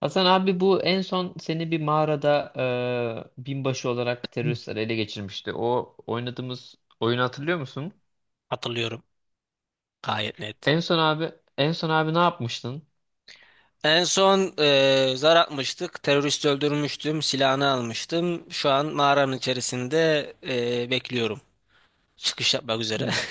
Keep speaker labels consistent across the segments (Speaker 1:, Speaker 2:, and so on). Speaker 1: Hasan abi bu en son seni bir mağarada binbaşı olarak teröristler ele geçirmişti. O oynadığımız oyunu hatırlıyor musun?
Speaker 2: Hatırlıyorum gayet net.
Speaker 1: En son abi En son abi ne yapmıştın?
Speaker 2: En son zar atmıştık. Terörist öldürmüştüm. Silahını almıştım. Şu an mağaranın içerisinde bekliyorum. Çıkış yapmak üzere.
Speaker 1: Hmm.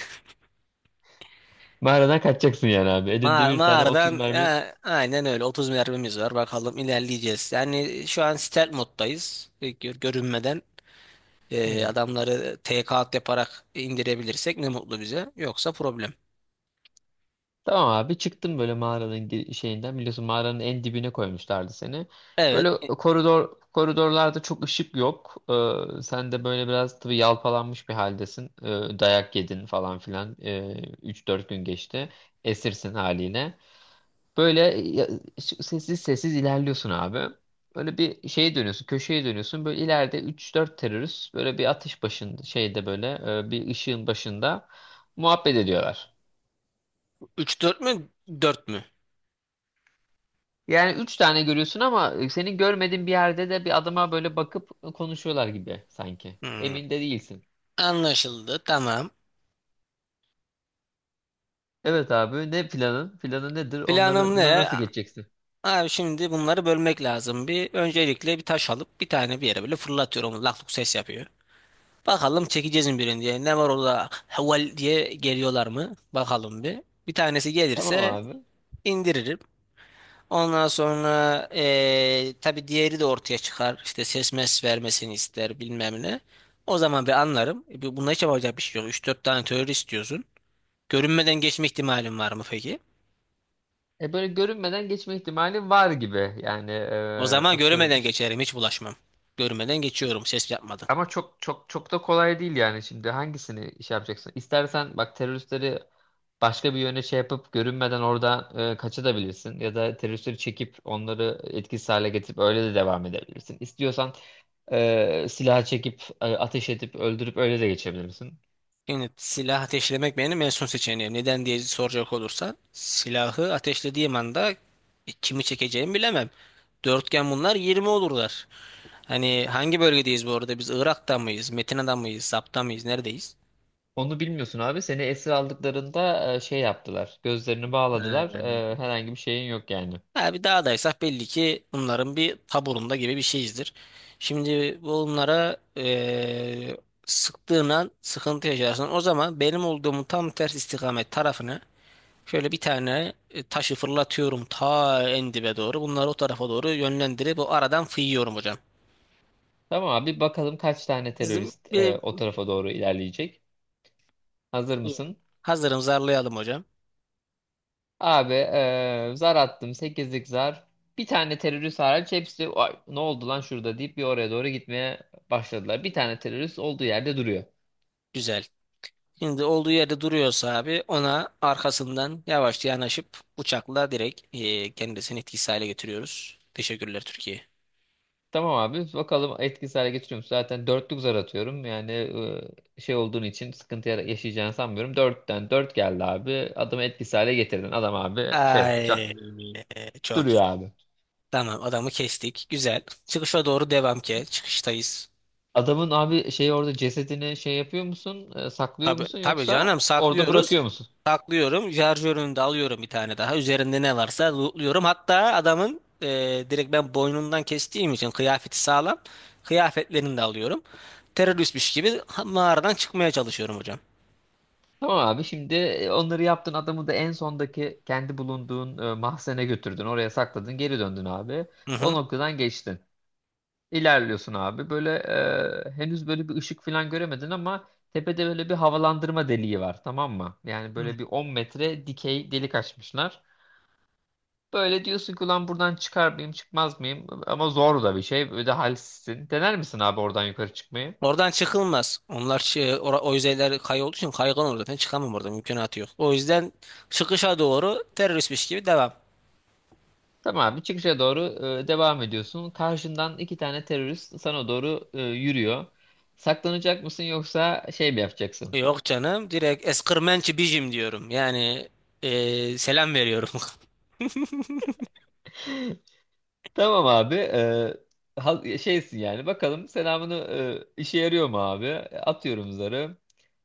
Speaker 1: Mağaradan kaçacaksın yani abi. Elinde
Speaker 2: Ma
Speaker 1: bir tane 30
Speaker 2: mağaradan e,
Speaker 1: mermi.
Speaker 2: aynen öyle 30 mermimiz var. Bakalım ilerleyeceğiz. Yani şu an stealth moddayız. Görünmeden
Speaker 1: Hmm.
Speaker 2: adamları TK yaparak indirebilirsek ne mutlu bize. Yoksa problem.
Speaker 1: Tamam abi çıktım böyle mağaranın şeyinden, biliyorsun mağaranın en dibine koymuşlardı seni.
Speaker 2: Evet.
Speaker 1: Böyle koridorlarda çok ışık yok. Sen de böyle biraz tabii yalpalanmış bir haldesin. Dayak yedin falan filan. 3-4 gün geçti. Esirsin haline. Böyle sessiz sessiz ilerliyorsun abi. Böyle bir şeye dönüyorsun, köşeye dönüyorsun. Böyle ileride üç dört terörist böyle bir atış başında şeyde böyle bir ışığın başında muhabbet ediyorlar.
Speaker 2: 3-4 mü? 4 mü?
Speaker 1: Yani üç tane görüyorsun ama senin görmediğin bir yerde de bir adama böyle bakıp konuşuyorlar gibi sanki.
Speaker 2: Hmm.
Speaker 1: Emin de değilsin.
Speaker 2: Anlaşıldı. Tamam.
Speaker 1: Evet abi, ne planın? Planın nedir? Onları
Speaker 2: Planım
Speaker 1: bunları
Speaker 2: ne?
Speaker 1: nasıl geçeceksin?
Speaker 2: Abi şimdi bunları bölmek lazım. Bir öncelikle bir taş alıp bir tane bir yere böyle fırlatıyorum. Lak luk ses yapıyor. Bakalım çekeceğiz mi birini diye. Ne var orada haval diye geliyorlar mı? Bakalım bir. Bir tanesi
Speaker 1: Tamam
Speaker 2: gelirse
Speaker 1: abi.
Speaker 2: indiririm. Ondan sonra tabii diğeri de ortaya çıkar. İşte ses mes vermesini ister bilmem ne. O zaman bir anlarım. Bunda hiç yapacak bir şey yok. Üç dört tane teori istiyorsun. Görünmeden geçme ihtimalim var mı peki?
Speaker 1: Böyle görünmeden geçme ihtimali var gibi. Yani
Speaker 2: O zaman
Speaker 1: atıyorum
Speaker 2: görünmeden
Speaker 1: işte.
Speaker 2: geçerim. Hiç bulaşmam. Görünmeden geçiyorum ses yapmadan.
Speaker 1: Ama çok çok çok da kolay değil, yani şimdi hangisini iş yapacaksın? İstersen bak, teröristleri başka bir yöne şey yapıp görünmeden oradan kaçabilirsin, ya da teröristleri çekip onları etkisiz hale getirip öyle de devam edebilirsin. İstiyorsan silah çekip ateş edip öldürüp öyle de geçebilirsin.
Speaker 2: Şimdi silah ateşlemek benim en son seçeneğim. Neden diye soracak olursan silahı ateşlediğim anda kimi çekeceğimi bilemem. Dörtgen bunlar 20 olurlar. Hani hangi bölgedeyiz bu arada? Biz Irak'ta mıyız? Metina'da mıyız? Zap'ta mıyız? Neredeyiz?
Speaker 1: Onu bilmiyorsun abi. Seni esir aldıklarında şey yaptılar. Gözlerini bağladılar.
Speaker 2: Ee,
Speaker 1: Herhangi bir şeyin yok yani.
Speaker 2: Ha, bir dağdaysak belli ki bunların bir taburunda gibi bir şeyizdir. Şimdi bunlara sıktığın an sıkıntı yaşarsın. O zaman benim olduğumu tam ters istikamet tarafını. Şöyle bir tane taşı fırlatıyorum ta en dibe doğru. Bunları o tarafa doğru yönlendirip o aradan fıyıyorum hocam.
Speaker 1: Tamam abi bakalım, kaç tane
Speaker 2: Bizim
Speaker 1: terörist
Speaker 2: bir,
Speaker 1: o tarafa doğru ilerleyecek. Hazır mısın?
Speaker 2: hazırım, zarlayalım hocam.
Speaker 1: Abi zar attım. Sekizlik zar. Bir tane terörist hariç hepsi "Ay, ne oldu lan şurada" deyip bir oraya doğru gitmeye başladılar. Bir tane terörist olduğu yerde duruyor.
Speaker 2: Güzel. Şimdi olduğu yerde duruyorsa abi ona arkasından yavaşça yanaşıp bıçakla direkt kendisini etkisiz hale getiriyoruz. Teşekkürler Türkiye.
Speaker 1: Tamam abi, bakalım etkisiz hale getiriyor musun? Zaten dörtlük zar atıyorum. Yani şey olduğun için sıkıntı yaşayacağını sanmıyorum. Dörtten dört geldi abi. Adamı etkisiz hale getirdin. Adam abi şey
Speaker 2: Ay çok
Speaker 1: duruyor
Speaker 2: iyi.
Speaker 1: abi.
Speaker 2: Tamam adamı kestik. Güzel. Çıkışa doğru devam ki. Çıkıştayız.
Speaker 1: Adamın abi şey orada cesedini şey yapıyor musun? Saklıyor
Speaker 2: Tabii,
Speaker 1: musun
Speaker 2: tabii
Speaker 1: yoksa
Speaker 2: canım,
Speaker 1: orada
Speaker 2: saklıyoruz.
Speaker 1: bırakıyor?
Speaker 2: Saklıyorum. Şarjörünü de alıyorum bir tane daha. Üzerinde ne varsa lootluyorum. Hatta adamın direkt ben boynundan kestiğim için kıyafeti sağlam. Kıyafetlerini de alıyorum. Mağaradan çıkmaya çalışıyorum hocam.
Speaker 1: Tamam abi, şimdi onları yaptın, adamı da en sondaki kendi bulunduğun mahzene götürdün, oraya sakladın, geri döndün abi,
Speaker 2: Hı
Speaker 1: o
Speaker 2: hı.
Speaker 1: noktadan geçtin, ilerliyorsun abi böyle. Henüz böyle bir ışık falan göremedin, ama tepede böyle bir havalandırma deliği var, tamam mı? Yani
Speaker 2: Hı.
Speaker 1: böyle bir 10 metre dikey delik açmışlar. Böyle diyorsun ki, ulan buradan çıkar mıyım çıkmaz mıyım, ama zor da bir şey, böyle de halsizsin. Dener misin abi oradan yukarı çıkmayı?
Speaker 2: Oradan çıkılmaz. Onlar, o yüzeyler kayı olduğu için kaygan, olur zaten çıkamam, orada mümkünatı yok. O yüzden çıkışa doğru teröristmiş gibi devam.
Speaker 1: Tamam abi, çıkışa doğru devam ediyorsun. Karşından iki tane terörist sana doğru yürüyor. Saklanacak mısın yoksa şey mi yapacaksın?
Speaker 2: Yok canım, direkt eskırmençi bijim diyorum. Yani selam veriyorum.
Speaker 1: Tamam abi. Şeysin yani. Bakalım selamını işe yarıyor mu abi? Atıyorum zarı.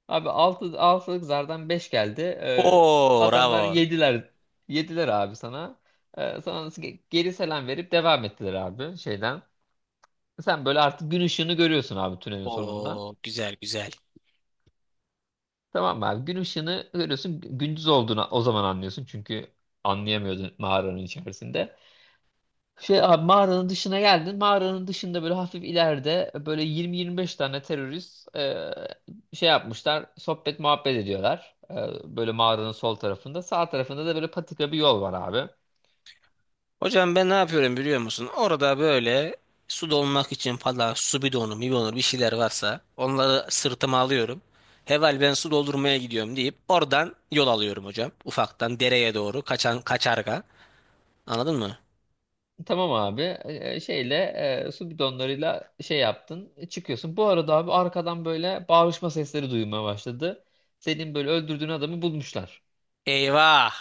Speaker 1: Abi altılık zardan 5 geldi.
Speaker 2: Oo bravo.
Speaker 1: Adamlar yediler. Yediler abi sana. Sana geri selam verip devam ettiler abi şeyden. Sen böyle artık gün ışığını görüyorsun abi tünelin sonunda.
Speaker 2: Oo güzel güzel.
Speaker 1: Tamam mı abi, gün ışığını görüyorsun, gündüz olduğunu o zaman anlıyorsun çünkü anlayamıyordun mağaranın içerisinde. Şey abi, mağaranın dışına geldin, mağaranın dışında böyle hafif ileride böyle 20-25 tane terörist şey yapmışlar, sohbet muhabbet ediyorlar. Böyle mağaranın sol tarafında, sağ tarafında da böyle patika bir yol var abi.
Speaker 2: Hocam ben ne yapıyorum biliyor musun? Orada böyle su dolmak için falan su bidonu, mibidonu bir şeyler varsa onları sırtıma alıyorum. Heval ben su doldurmaya gidiyorum deyip oradan yol alıyorum hocam. Ufaktan dereye doğru kaçan kaçarga. Anladın mı?
Speaker 1: Tamam abi, şeyle, su bidonlarıyla şey yaptın, çıkıyorsun. Bu arada abi, arkadan böyle bağırışma sesleri duymaya başladı. Senin böyle öldürdüğün adamı bulmuşlar.
Speaker 2: Eyvah!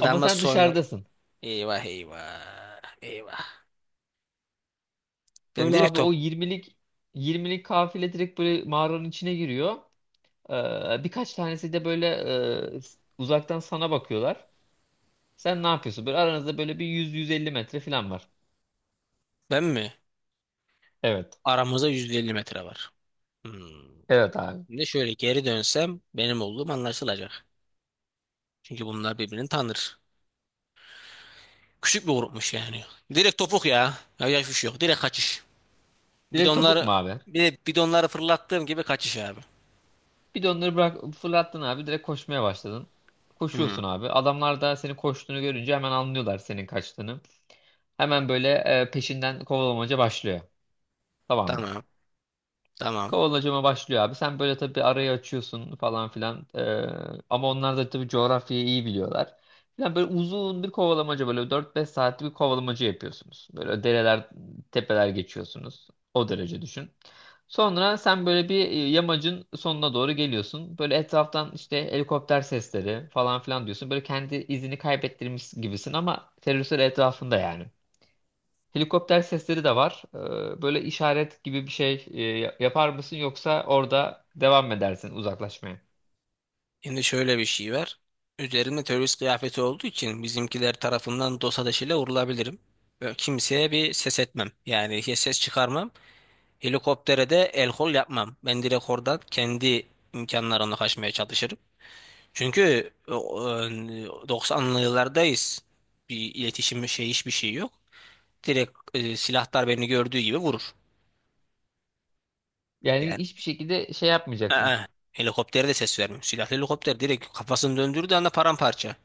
Speaker 1: Ama sen
Speaker 2: soyun.
Speaker 1: dışarıdasın.
Speaker 2: Eyvah eyvah. Eyvah. Ben
Speaker 1: Böyle
Speaker 2: direkt.
Speaker 1: abi o 20'lik kafile direkt böyle mağaranın içine giriyor. Birkaç tanesi de böyle uzaktan sana bakıyorlar. Sen ne yapıyorsun? Böyle aranızda böyle bir 100-150 metre falan var.
Speaker 2: Ben mi?
Speaker 1: Evet.
Speaker 2: Aramızda 150 metre var. Hmm.
Speaker 1: Evet abi.
Speaker 2: Şimdi şöyle geri dönsem benim olduğum anlaşılacak. Çünkü bunlar birbirini tanır. Küçük bir grupmuş yani. Direkt topuk ya. Ya yaş yok. Direkt kaçış.
Speaker 1: Direkt topuk
Speaker 2: Bidonları
Speaker 1: mu abi?
Speaker 2: bir de bidonları fırlattığım gibi kaçış abi.
Speaker 1: Bir de onları bırak fırlattın abi. Direkt koşmaya başladın.
Speaker 2: Hmm.
Speaker 1: Koşuyorsun abi. Adamlar da senin koştuğunu görünce hemen anlıyorlar senin kaçtığını. Hemen böyle peşinden kovalamaca başlıyor. Tamam mı?
Speaker 2: Tamam. Tamam.
Speaker 1: Kovalacama başlıyor abi. Sen böyle tabii arayı açıyorsun falan filan. Ama onlar da tabii coğrafyayı iyi biliyorlar. Yani böyle uzun bir kovalamaca, böyle 4-5 saatlik bir kovalamaca yapıyorsunuz. Böyle dereler, tepeler geçiyorsunuz. O derece düşün. Sonra sen böyle bir yamacın sonuna doğru geliyorsun. Böyle etraftan işte helikopter sesleri falan filan diyorsun. Böyle kendi izini kaybettirmiş gibisin ama teröristler etrafında yani. Helikopter sesleri de var. Böyle işaret gibi bir şey yapar mısın, yoksa orada devam mı edersin uzaklaşmaya?
Speaker 2: Şimdi şöyle bir şey var. Üzerimde terörist kıyafeti olduğu için bizimkiler tarafından dost ateşiyle vurulabilirim. Ve kimseye bir ses etmem. Yani hiç ses çıkarmam. Helikoptere de el kol yapmam. Ben direkt oradan kendi imkanlarımla kaçmaya çalışırım. Çünkü e, e, 90'lı yıllardayız. Bir iletişim şey hiçbir şey yok. Direkt silahlar beni gördüğü gibi vurur.
Speaker 1: Yani
Speaker 2: Yani
Speaker 1: hiçbir şekilde şey
Speaker 2: aa,
Speaker 1: yapmayacaksın.
Speaker 2: helikoptere de ses vermiyor. Silahlı helikopter direkt kafasını döndürdüğü anda paramparça.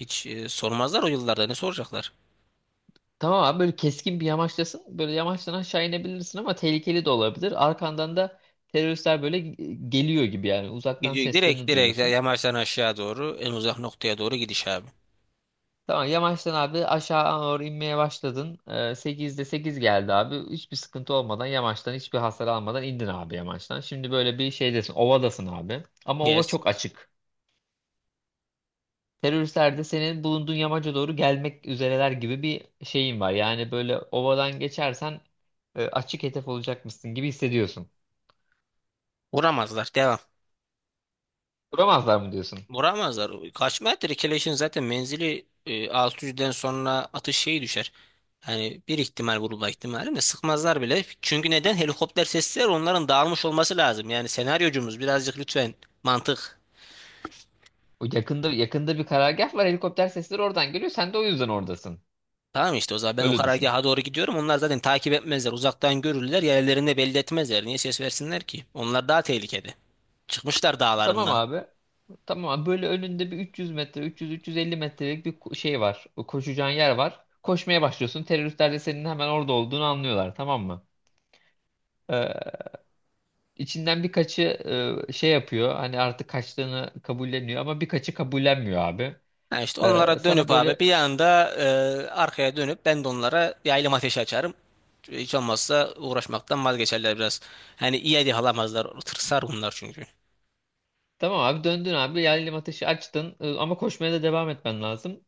Speaker 2: Hiç sormazlar, o yıllarda ne soracaklar?
Speaker 1: Tamam abi, böyle keskin bir yamaçtasın. Böyle yamaçtan aşağı inebilirsin ama tehlikeli de olabilir. Arkandan da teröristler böyle geliyor gibi, yani uzaktan
Speaker 2: Gidiyor direkt,
Speaker 1: seslerini duyuyorsun.
Speaker 2: yamaçtan aşağı doğru en uzak noktaya doğru gidiş abi.
Speaker 1: Tamam yamaçtan abi aşağı doğru inmeye başladın. 8'de 8 geldi abi. Hiçbir sıkıntı olmadan yamaçtan, hiçbir hasar almadan indin abi yamaçtan. Şimdi böyle bir şeydesin, ovadasın abi. Ama ova
Speaker 2: Yes.
Speaker 1: çok açık. Teröristler de senin bulunduğun yamaca doğru gelmek üzereler gibi bir şeyin var. Yani böyle ovadan geçersen açık hedef olacakmışsın gibi hissediyorsun.
Speaker 2: Vuramazlar. Devam.
Speaker 1: Duramazlar mı diyorsun?
Speaker 2: Vuramazlar. Kaçma ettir. Keleşin zaten menzili 600'den sonra atış şeyi düşer. Hani bir ihtimal vurulma ihtimali de sıkmazlar bile. Çünkü neden? Helikopter sesler, onların dağılmış olması lazım. Yani senaryocumuz birazcık lütfen mantık.
Speaker 1: O yakında, yakında bir karargah var, helikopter sesleri oradan geliyor. Sen de o yüzden oradasın.
Speaker 2: Tamam işte o zaman ben o
Speaker 1: Öyle düşün.
Speaker 2: karargaha doğru gidiyorum. Onlar zaten takip etmezler. Uzaktan görürler. Yerlerinde belli etmezler. Niye ses versinler ki? Onlar daha tehlikede. Çıkmışlar
Speaker 1: Tamam
Speaker 2: dağlarından.
Speaker 1: abi. Tamam abi. Böyle önünde bir 300 metre, 300-350 metrelik bir şey var. O koşacağın yer var. Koşmaya başlıyorsun. Teröristler de senin hemen orada olduğunu anlıyorlar, tamam mı? Ee, içinden birkaçı şey yapıyor. Hani artık kaçtığını kabulleniyor, ama birkaçı kabullenmiyor abi.
Speaker 2: Ha işte onlara
Speaker 1: Sana
Speaker 2: dönüp abi
Speaker 1: böyle.
Speaker 2: bir anda arkaya dönüp ben de onlara yaylım ateşi açarım. Hiç olmazsa uğraşmaktan vazgeçerler biraz. Hani iyi hadi alamazlar. Tırsar bunlar çünkü.
Speaker 1: Tamam abi, döndün abi. Yaylım ateşi açtın. Ama koşmaya da devam etmen lazım.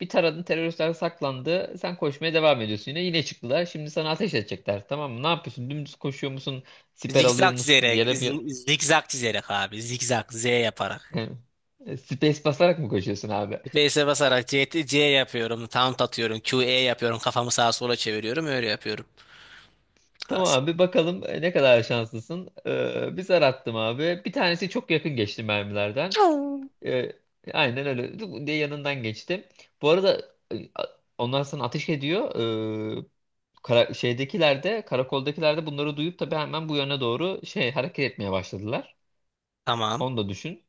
Speaker 1: Bir taradın, teröristler saklandı. Sen koşmaya devam ediyorsun yine. Yine çıktılar. Şimdi sana ateş edecekler. Tamam mı? Ne yapıyorsun? Dümdüz koşuyor musun? Siper alıyor musun? Yere mi?
Speaker 2: Zikzak çizerek abi. Zikzak, Z yaparak.
Speaker 1: Space basarak mı koşuyorsun abi?
Speaker 2: Space'e basarak C, C yapıyorum, taunt atıyorum, Q E yapıyorum, kafamı sağa sola çeviriyorum, öyle yapıyorum.
Speaker 1: Tamam
Speaker 2: As.
Speaker 1: abi, bakalım ne kadar şanslısın. Bir zar attım abi. Bir tanesi çok yakın geçti mermilerden. Ee, aynen öyle, Dık diye yanından geçti. Bu arada e, a- onlar sana ateş ediyor. Ee, Şeydekiler de, karakoldakiler de bunları duyup tabii hemen bu yöne doğru şey hareket etmeye başladılar.
Speaker 2: Tamam.
Speaker 1: Onu da düşün.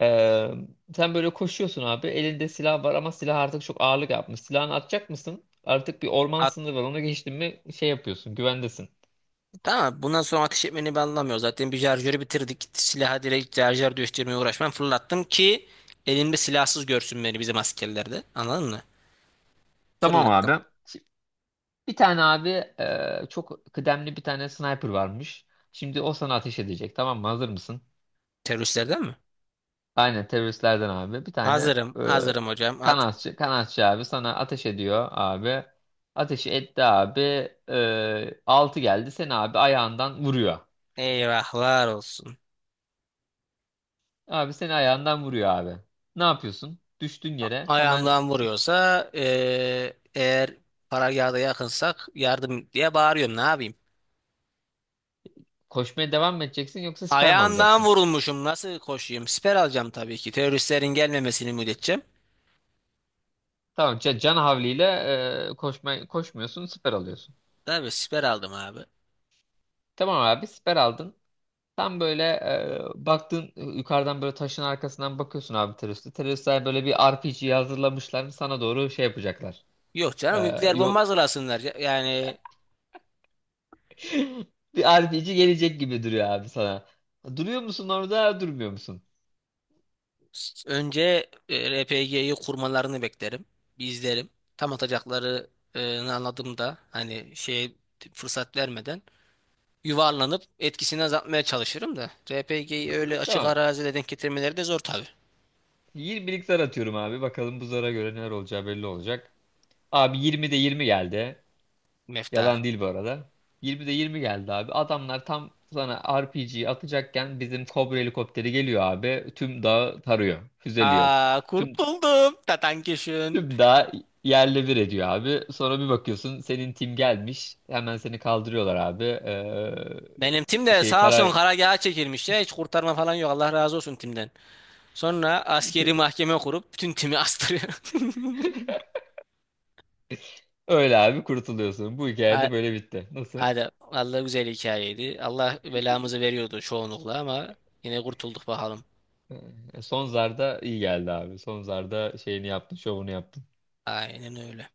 Speaker 1: Ee, Sen böyle koşuyorsun abi. Elinde silah var ama silah artık çok ağırlık yapmış. Silahını atacak mısın? Artık bir orman sınırı var. Onu geçtin mi şey yapıyorsun. Güvendesin.
Speaker 2: Tamam bundan sonra ateş etmeni ben anlamıyorum. Zaten bir şarjörü bitirdik. Silaha direkt şarjör değiştirmeye uğraşmam. Fırlattım ki elimde silahsız görsün beni bizim askerler de. Anladın mı?
Speaker 1: Tamam
Speaker 2: Fırlattım.
Speaker 1: abi. Şimdi bir tane abi çok kıdemli bir tane sniper varmış. Şimdi o sana ateş edecek. Tamam mı? Hazır mısın?
Speaker 2: Teröristlerden mi?
Speaker 1: Aynen teröristlerden abi. Bir tane
Speaker 2: Hazırım.
Speaker 1: e,
Speaker 2: Hazırım hocam. At.
Speaker 1: kanatçı abi sana ateş ediyor abi. Ateşi etti abi. Altı geldi. Seni abi ayağından vuruyor.
Speaker 2: Eyvahlar olsun.
Speaker 1: Abi seni ayağından vuruyor abi. Ne yapıyorsun? Düştün yere, hemen
Speaker 2: Ayağımdan vuruyorsa eğer paragahda yakınsak yardım diye bağırıyorum. Ne yapayım?
Speaker 1: koşmaya devam mı edeceksin yoksa siper mi
Speaker 2: Ayağından
Speaker 1: alacaksın?
Speaker 2: vurulmuşum. Nasıl koşayım? Siper alacağım tabii ki. Teröristlerin gelmemesini müddetçe.
Speaker 1: Tamam can havliyle koşmuyorsun, siper alıyorsun.
Speaker 2: Tabii siper aldım abi.
Speaker 1: Tamam abi siper aldın. Tam böyle baktın, yukarıdan böyle taşın arkasından bakıyorsun abi teröriste. Teröristler böyle bir RPG hazırlamışlar, sana doğru şey yapacaklar.
Speaker 2: Yok
Speaker 1: E,
Speaker 2: canım, nükleer bomba
Speaker 1: Yok,
Speaker 2: hazırlasınlar. Yani
Speaker 1: bir RPG gelecek gibi duruyor abi sana. Duruyor musun orada, durmuyor musun?
Speaker 2: önce RPG'yi kurmalarını beklerim. Bir izlerim. Tam atacaklarını anladığımda hani şey, fırsat vermeden yuvarlanıp etkisini azaltmaya çalışırım da. RPG'yi öyle açık
Speaker 1: Tamam.
Speaker 2: arazide denk getirmeleri de zor tabii.
Speaker 1: 20'lik zar atıyorum abi. Bakalım bu zara göre neler olacağı belli olacak. Abi 20'de 20 geldi.
Speaker 2: Mefta.
Speaker 1: Yalan değil bu arada. 20'de 20 geldi abi. Adamlar tam sana RPG'yi atacakken bizim Cobra helikopteri geliyor abi. Tüm dağı tarıyor. Füzeliyor.
Speaker 2: Aa
Speaker 1: Tüm,
Speaker 2: kurtuldum. Tatankişin.
Speaker 1: Tüm dağı yerle bir ediyor abi. Sonra bir bakıyorsun, senin tim gelmiş. Hemen seni kaldırıyorlar abi.
Speaker 2: Benim tim de
Speaker 1: Şey
Speaker 2: sağ olsun
Speaker 1: karar.
Speaker 2: karargaha çekilmiş ya. Hiç kurtarma falan yok. Allah razı olsun timden. Sonra askeri mahkeme kurup bütün timi astırıyor.
Speaker 1: Öyle abi kurtuluyorsun. Bu hikayede böyle bitti. Nasıl?
Speaker 2: Hadi Allah güzel hikayeydi. Allah belamızı veriyordu çoğunlukla ama yine kurtulduk bakalım.
Speaker 1: Son zarda iyi geldi abi. Son zarda şeyini yaptın, şovunu yaptın.
Speaker 2: Aynen öyle.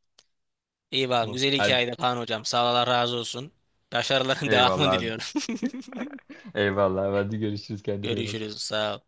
Speaker 2: İyi bakalım.
Speaker 1: Tamam.
Speaker 2: Güzel
Speaker 1: Hadi.
Speaker 2: hikayeydi Kaan hocam. Sağ ol, Allah razı olsun. Başarıların
Speaker 1: Eyvallah
Speaker 2: devamını
Speaker 1: abi.
Speaker 2: diliyorum.
Speaker 1: Eyvallah. Hadi görüşürüz. Kendine iyi
Speaker 2: Görüşürüz.
Speaker 1: bak.
Speaker 2: Sağ ol.